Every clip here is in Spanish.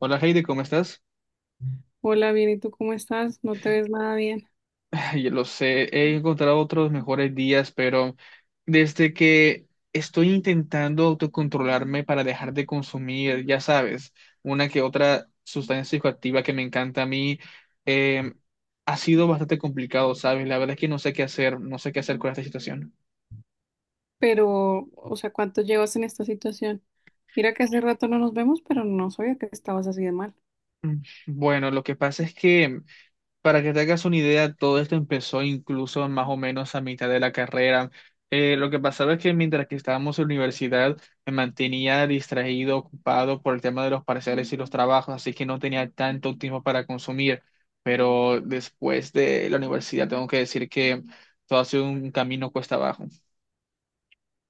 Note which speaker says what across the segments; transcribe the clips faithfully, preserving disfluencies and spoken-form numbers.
Speaker 1: Hola Heidi, ¿cómo estás?
Speaker 2: Hola, bien, ¿y tú cómo estás? No te ves nada bien,
Speaker 1: Yo lo sé, he encontrado otros mejores días, pero desde que estoy intentando autocontrolarme para dejar de consumir, ya sabes, una que otra sustancia psicoactiva que me encanta a mí, eh, ha sido bastante complicado, ¿sabes? La verdad es que no sé qué hacer, no sé qué hacer con esta situación.
Speaker 2: pero, o sea, ¿cuánto llevas en esta situación? Mira que hace rato no nos vemos, pero no sabía que estabas así de mal.
Speaker 1: Mm, Bueno, lo que pasa es que, para que te hagas una idea, todo esto empezó incluso más o menos a mitad de la carrera. Eh, lo que pasaba es que mientras que estábamos en la universidad me mantenía distraído, ocupado por el tema de los parciales y los trabajos, así que no tenía tanto tiempo para consumir. Pero después de la universidad tengo que decir que todo ha sido un camino cuesta abajo.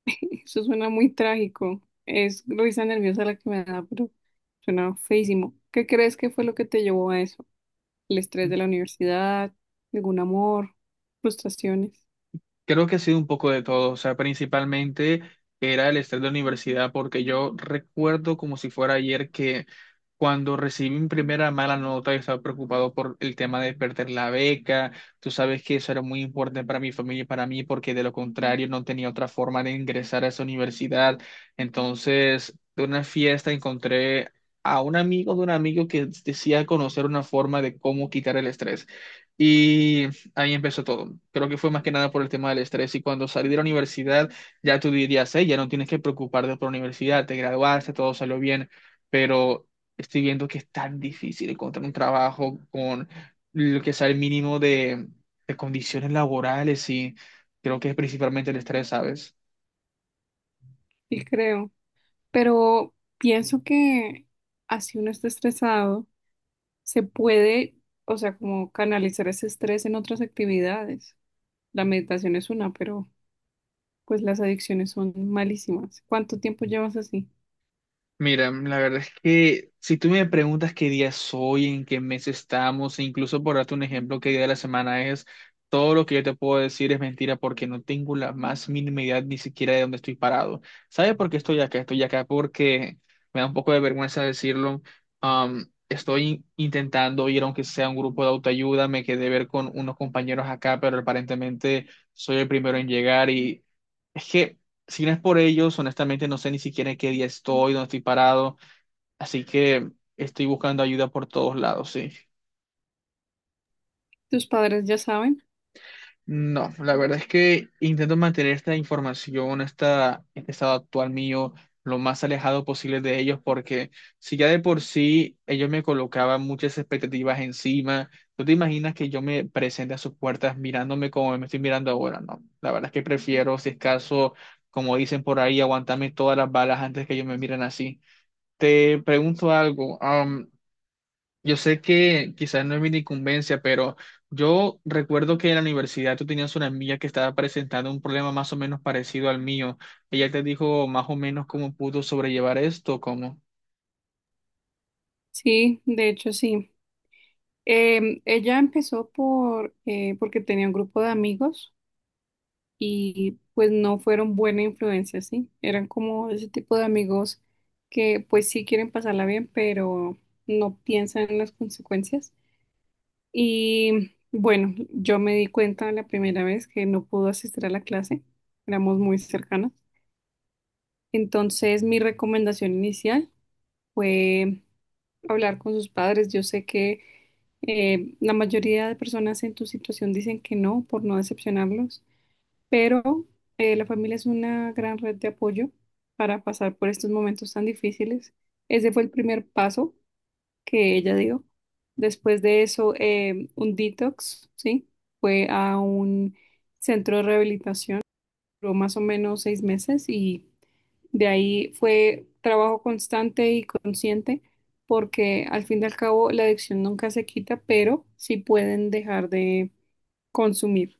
Speaker 2: Eso suena muy trágico. Es risa nerviosa la que me da, pero suena feísimo. ¿Qué crees que fue lo que te llevó a eso? ¿El estrés de la universidad? ¿Algún amor? ¿Frustraciones?
Speaker 1: Creo que ha sido un poco de todo, o sea, principalmente era el estrés de la universidad, porque yo recuerdo como si fuera ayer que cuando recibí mi primera mala nota, yo estaba preocupado por el tema de perder la beca. Tú sabes que eso era muy importante para mi familia y para mí, porque de lo contrario no tenía otra forma de ingresar a esa universidad. Entonces, de una fiesta encontré a un amigo de un amigo que decía conocer una forma de cómo quitar el estrés. Y ahí empezó todo. Creo que fue más que nada por el tema del estrés. Y cuando salí de la universidad, ya tú dirías: hey, ya no tienes que preocuparte por la universidad, te graduaste, todo salió bien. Pero estoy viendo que es tan difícil encontrar un trabajo con lo que sea el mínimo de, de condiciones laborales, y creo que es principalmente el estrés, ¿sabes?
Speaker 2: Sí, creo. Pero pienso que así uno está estresado, se puede, o sea, como canalizar ese estrés en otras actividades. La meditación es una, pero pues las adicciones son malísimas. ¿Cuánto tiempo llevas así?
Speaker 1: Mira, la verdad es que si tú me preguntas qué día soy, en qué mes estamos, e incluso, por darte un ejemplo, qué día de la semana es, todo lo que yo te puedo decir es mentira porque no tengo la más mínima idea ni siquiera de dónde estoy parado. ¿Sabes por qué estoy acá? Estoy acá porque me da un poco de vergüenza decirlo. Am, estoy intentando ir, aunque sea, un grupo de autoayuda, me quedé ver con unos compañeros acá, pero aparentemente soy el primero en llegar y... Es que si no es por ellos, honestamente no sé ni siquiera en qué día estoy, dónde estoy parado, así que estoy buscando ayuda por todos lados, sí.
Speaker 2: ¿Tus padres ya saben?
Speaker 1: No, la verdad es que intento mantener esta información, esta, este estado actual mío, lo más alejado posible de ellos, porque si ya de por sí ellos me colocaban muchas expectativas encima, ¿tú te imaginas que yo me presente a sus puertas mirándome como me estoy mirando ahora? No, la verdad es que prefiero, si es caso, como dicen por ahí, aguantarme todas las balas antes que ellos me miren así. Te pregunto algo. Am, yo sé que quizás no es mi incumbencia, pero yo recuerdo que en la universidad tú tenías una amiga que estaba presentando un problema más o menos parecido al mío. Ella te dijo más o menos cómo pudo sobrellevar esto, ¿cómo?
Speaker 2: Sí, de hecho sí. Em, ella empezó por eh, porque tenía un grupo de amigos y pues no fueron buena influencia, sí. Eran como ese tipo de amigos que pues sí quieren pasarla bien, pero no piensan en las consecuencias. Y bueno, yo me di cuenta la primera vez que no pudo asistir a la clase. Éramos muy cercanas. Entonces, mi recomendación inicial fue hablar con sus padres. Yo sé que eh, la mayoría de personas en tu situación dicen que no, por no decepcionarlos, pero eh, la familia es una gran red de apoyo para pasar por estos momentos tan difíciles. Ese fue el primer paso que ella dio. Después de eso, eh, un detox, ¿sí? Fue a un centro de rehabilitación, duró más o menos seis meses y de ahí fue trabajo constante y consciente, porque al fin y al cabo la adicción nunca se quita, pero sí pueden dejar de consumir.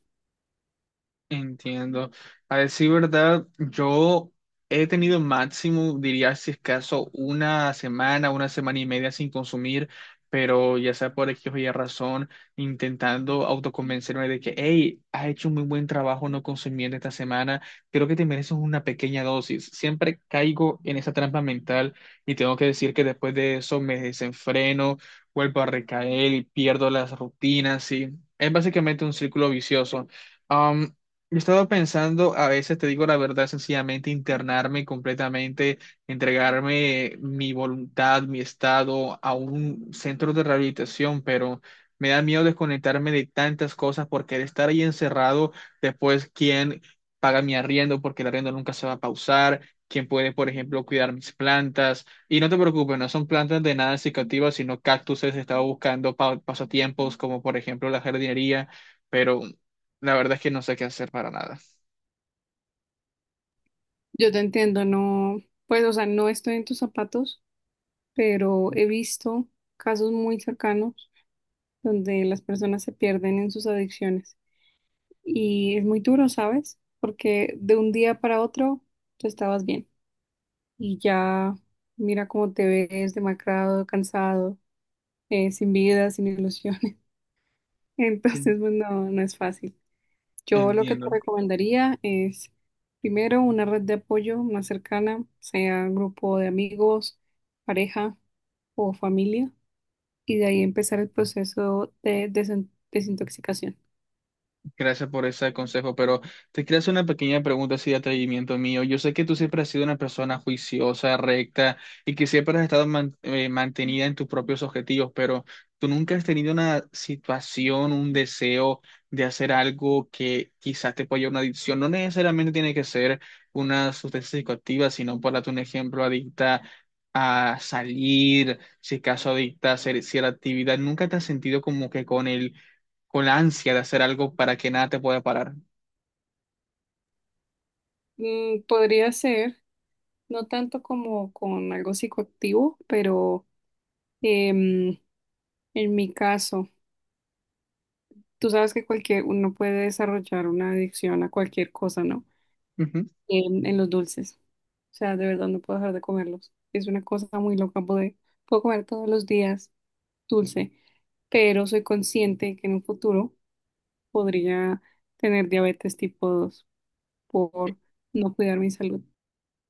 Speaker 1: Entiendo. A decir verdad, yo he tenido máximo, diría, si es caso, una semana, una semana y media sin consumir, pero ya sea por X o Y razón, intentando autoconvencerme de que, hey, has hecho un muy buen trabajo no consumiendo esta semana, creo que te mereces una pequeña dosis. Siempre caigo en esa trampa mental y tengo que decir que después de eso me desenfreno, vuelvo a recaer y pierdo las rutinas, y es básicamente un círculo vicioso. Yo he estado pensando, a veces, te digo la verdad, sencillamente internarme completamente, entregarme, mi voluntad, mi estado, a un centro de rehabilitación, pero me da miedo desconectarme de tantas cosas, porque de estar ahí encerrado, después quién paga mi arriendo, porque el arriendo nunca se va a pausar, quién puede, por ejemplo, cuidar mis plantas. Y no te preocupes, no son plantas de nada cicativas, sino cactuses. Estaba buscando pa- pasatiempos como, por ejemplo, la jardinería, pero la verdad es que no sé qué hacer para nada.
Speaker 2: Yo te entiendo, no, pues, o sea, no estoy en tus zapatos, pero he visto casos muy cercanos donde las personas se pierden en sus adicciones y es muy duro, ¿sabes? Porque de un día para otro tú estabas bien, y ya mira cómo te ves demacrado, cansado, eh, sin vida, sin ilusiones.
Speaker 1: Sí.
Speaker 2: Entonces, pues no, no es fácil. Yo lo que te
Speaker 1: Entiendo.
Speaker 2: recomendaría es, primero, una red de apoyo más cercana, sea grupo de amigos, pareja o familia, y de ahí empezar el proceso de desen- desintoxicación.
Speaker 1: Gracias por ese consejo, pero te quiero hacer una pequeña pregunta así, de atrevimiento mío. Yo sé que tú siempre has sido una persona juiciosa, recta, y que siempre has estado man- eh, mantenida en tus propios objetivos, pero tú nunca has tenido una situación, un deseo de hacer algo que quizás te pueda llevar a una adicción. No necesariamente tiene que ser una sustancia psicoactiva, sino, por darte un ejemplo, adicta a salir, si acaso adicta a hacer cierta actividad. ¿Nunca te has sentido como que con el con la ansia de hacer algo para que nada te pueda parar?
Speaker 2: Mm, podría ser, no tanto como con algo psicoactivo, pero em, en mi caso. Tú sabes que cualquier uno puede desarrollar una adicción a cualquier cosa, ¿no?
Speaker 1: Ujú.
Speaker 2: En, en los dulces. O sea, de verdad no puedo dejar de comerlos. Es una cosa muy loca poder. Puedo comer todos los días dulce, pero soy consciente que en un futuro podría tener diabetes tipo dos por no cuidar mi salud.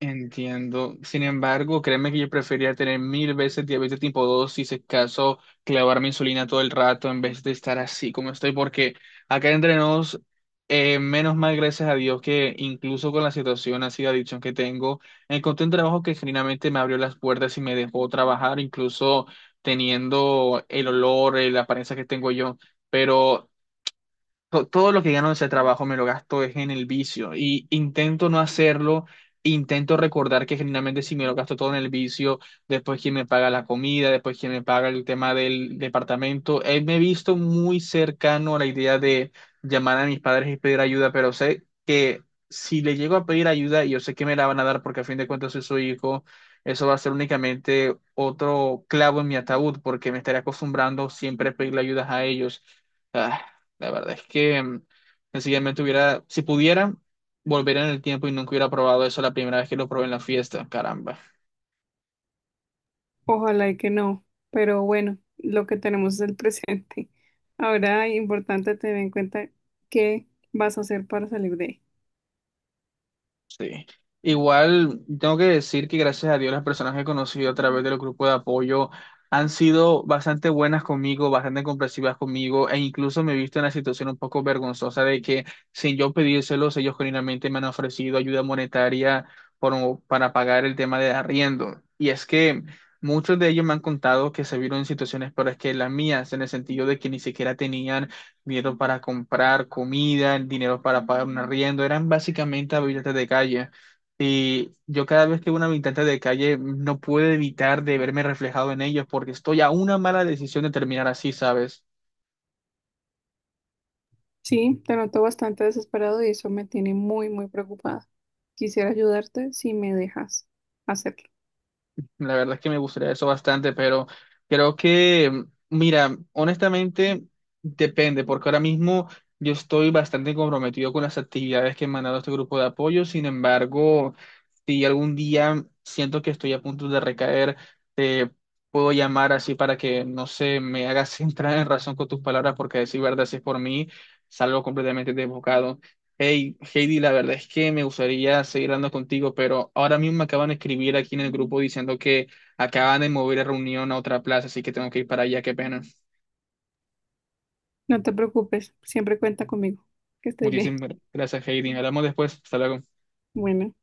Speaker 1: Entiendo. Sin embargo, créeme que yo prefería tener mil veces diabetes tipo dos, si se caso clavarme insulina todo el rato, en vez de estar así como estoy, porque acá entre nos, eh, menos mal, gracias a Dios, que incluso con la situación así de adicción que tengo, encontré un trabajo que genuinamente me abrió las puertas y me dejó trabajar, incluso teniendo el olor, eh, la apariencia que tengo yo. Pero to- todo lo que gano de ese trabajo me lo gasto es en el vicio, y intento no hacerlo, intento recordar que generalmente, si me lo gasto todo en el vicio, después quién me paga la comida, después quién me paga el tema del departamento. Eh, me he visto muy cercano a la idea de llamar a mis padres y pedir ayuda, pero sé que si le llego a pedir ayuda, y yo sé que me la van a dar porque a fin de cuentas soy su hijo, eso va a ser únicamente otro clavo en mi ataúd porque me estaré acostumbrando siempre a pedirle ayudas a ellos. Ah, la verdad es que mm, Sencillamente hubiera, si pudiera, volver en el tiempo, y nunca hubiera probado eso la primera vez que lo probé en la fiesta, caramba.
Speaker 2: Ojalá y que no, pero bueno, lo que tenemos es el presente. Ahora, importante tener en cuenta qué vas a hacer para salir de ahí.
Speaker 1: Sí. Igual tengo que decir que gracias a Dios las personas que he conocido a través de los grupos de apoyo han sido bastante buenas conmigo, bastante comprensivas conmigo, e incluso me he visto en la situación un poco vergonzosa de que, sin yo pedírselos, ellos genuinamente me han ofrecido ayuda monetaria por- para pagar el tema de arriendo. Y es que muchos de ellos me han contado que se vieron en situaciones peores que las mías, en el sentido de que ni siquiera tenían dinero para comprar comida, dinero para pagar un arriendo, eran básicamente habitantes de calle. Y yo cada vez que veo un habitante de calle no puedo evitar de verme reflejado en ellos, porque estoy a una mala decisión de terminar así, ¿sabes?
Speaker 2: Sí, te noto bastante desesperado y eso me tiene muy, muy preocupada. Quisiera ayudarte si me dejas hacerlo.
Speaker 1: La verdad es que me gustaría eso bastante, pero creo que, mm, mira, honestamente depende, porque ahora mismo yo estoy bastante comprometido con las actividades que he mandado a este grupo de apoyo. Sin embargo, si algún día siento que estoy a punto de recaer, te puedo llamar así para que, no sé, me hagas entrar en razón con tus palabras, porque a decir verdad, si es por mí, salgo completamente desbocado. Hey, Heidi, la verdad es que me gustaría seguir hablando contigo, pero ahora mismo me acaban de escribir aquí en el grupo diciendo que acaban de mover la reunión a otra plaza, así que tengo que ir para allá, qué pena.
Speaker 2: No te preocupes, siempre cuenta conmigo. Que estés bien.
Speaker 1: Muchísimas gracias, Heidi. Hablamos después. Hasta luego.
Speaker 2: Bueno.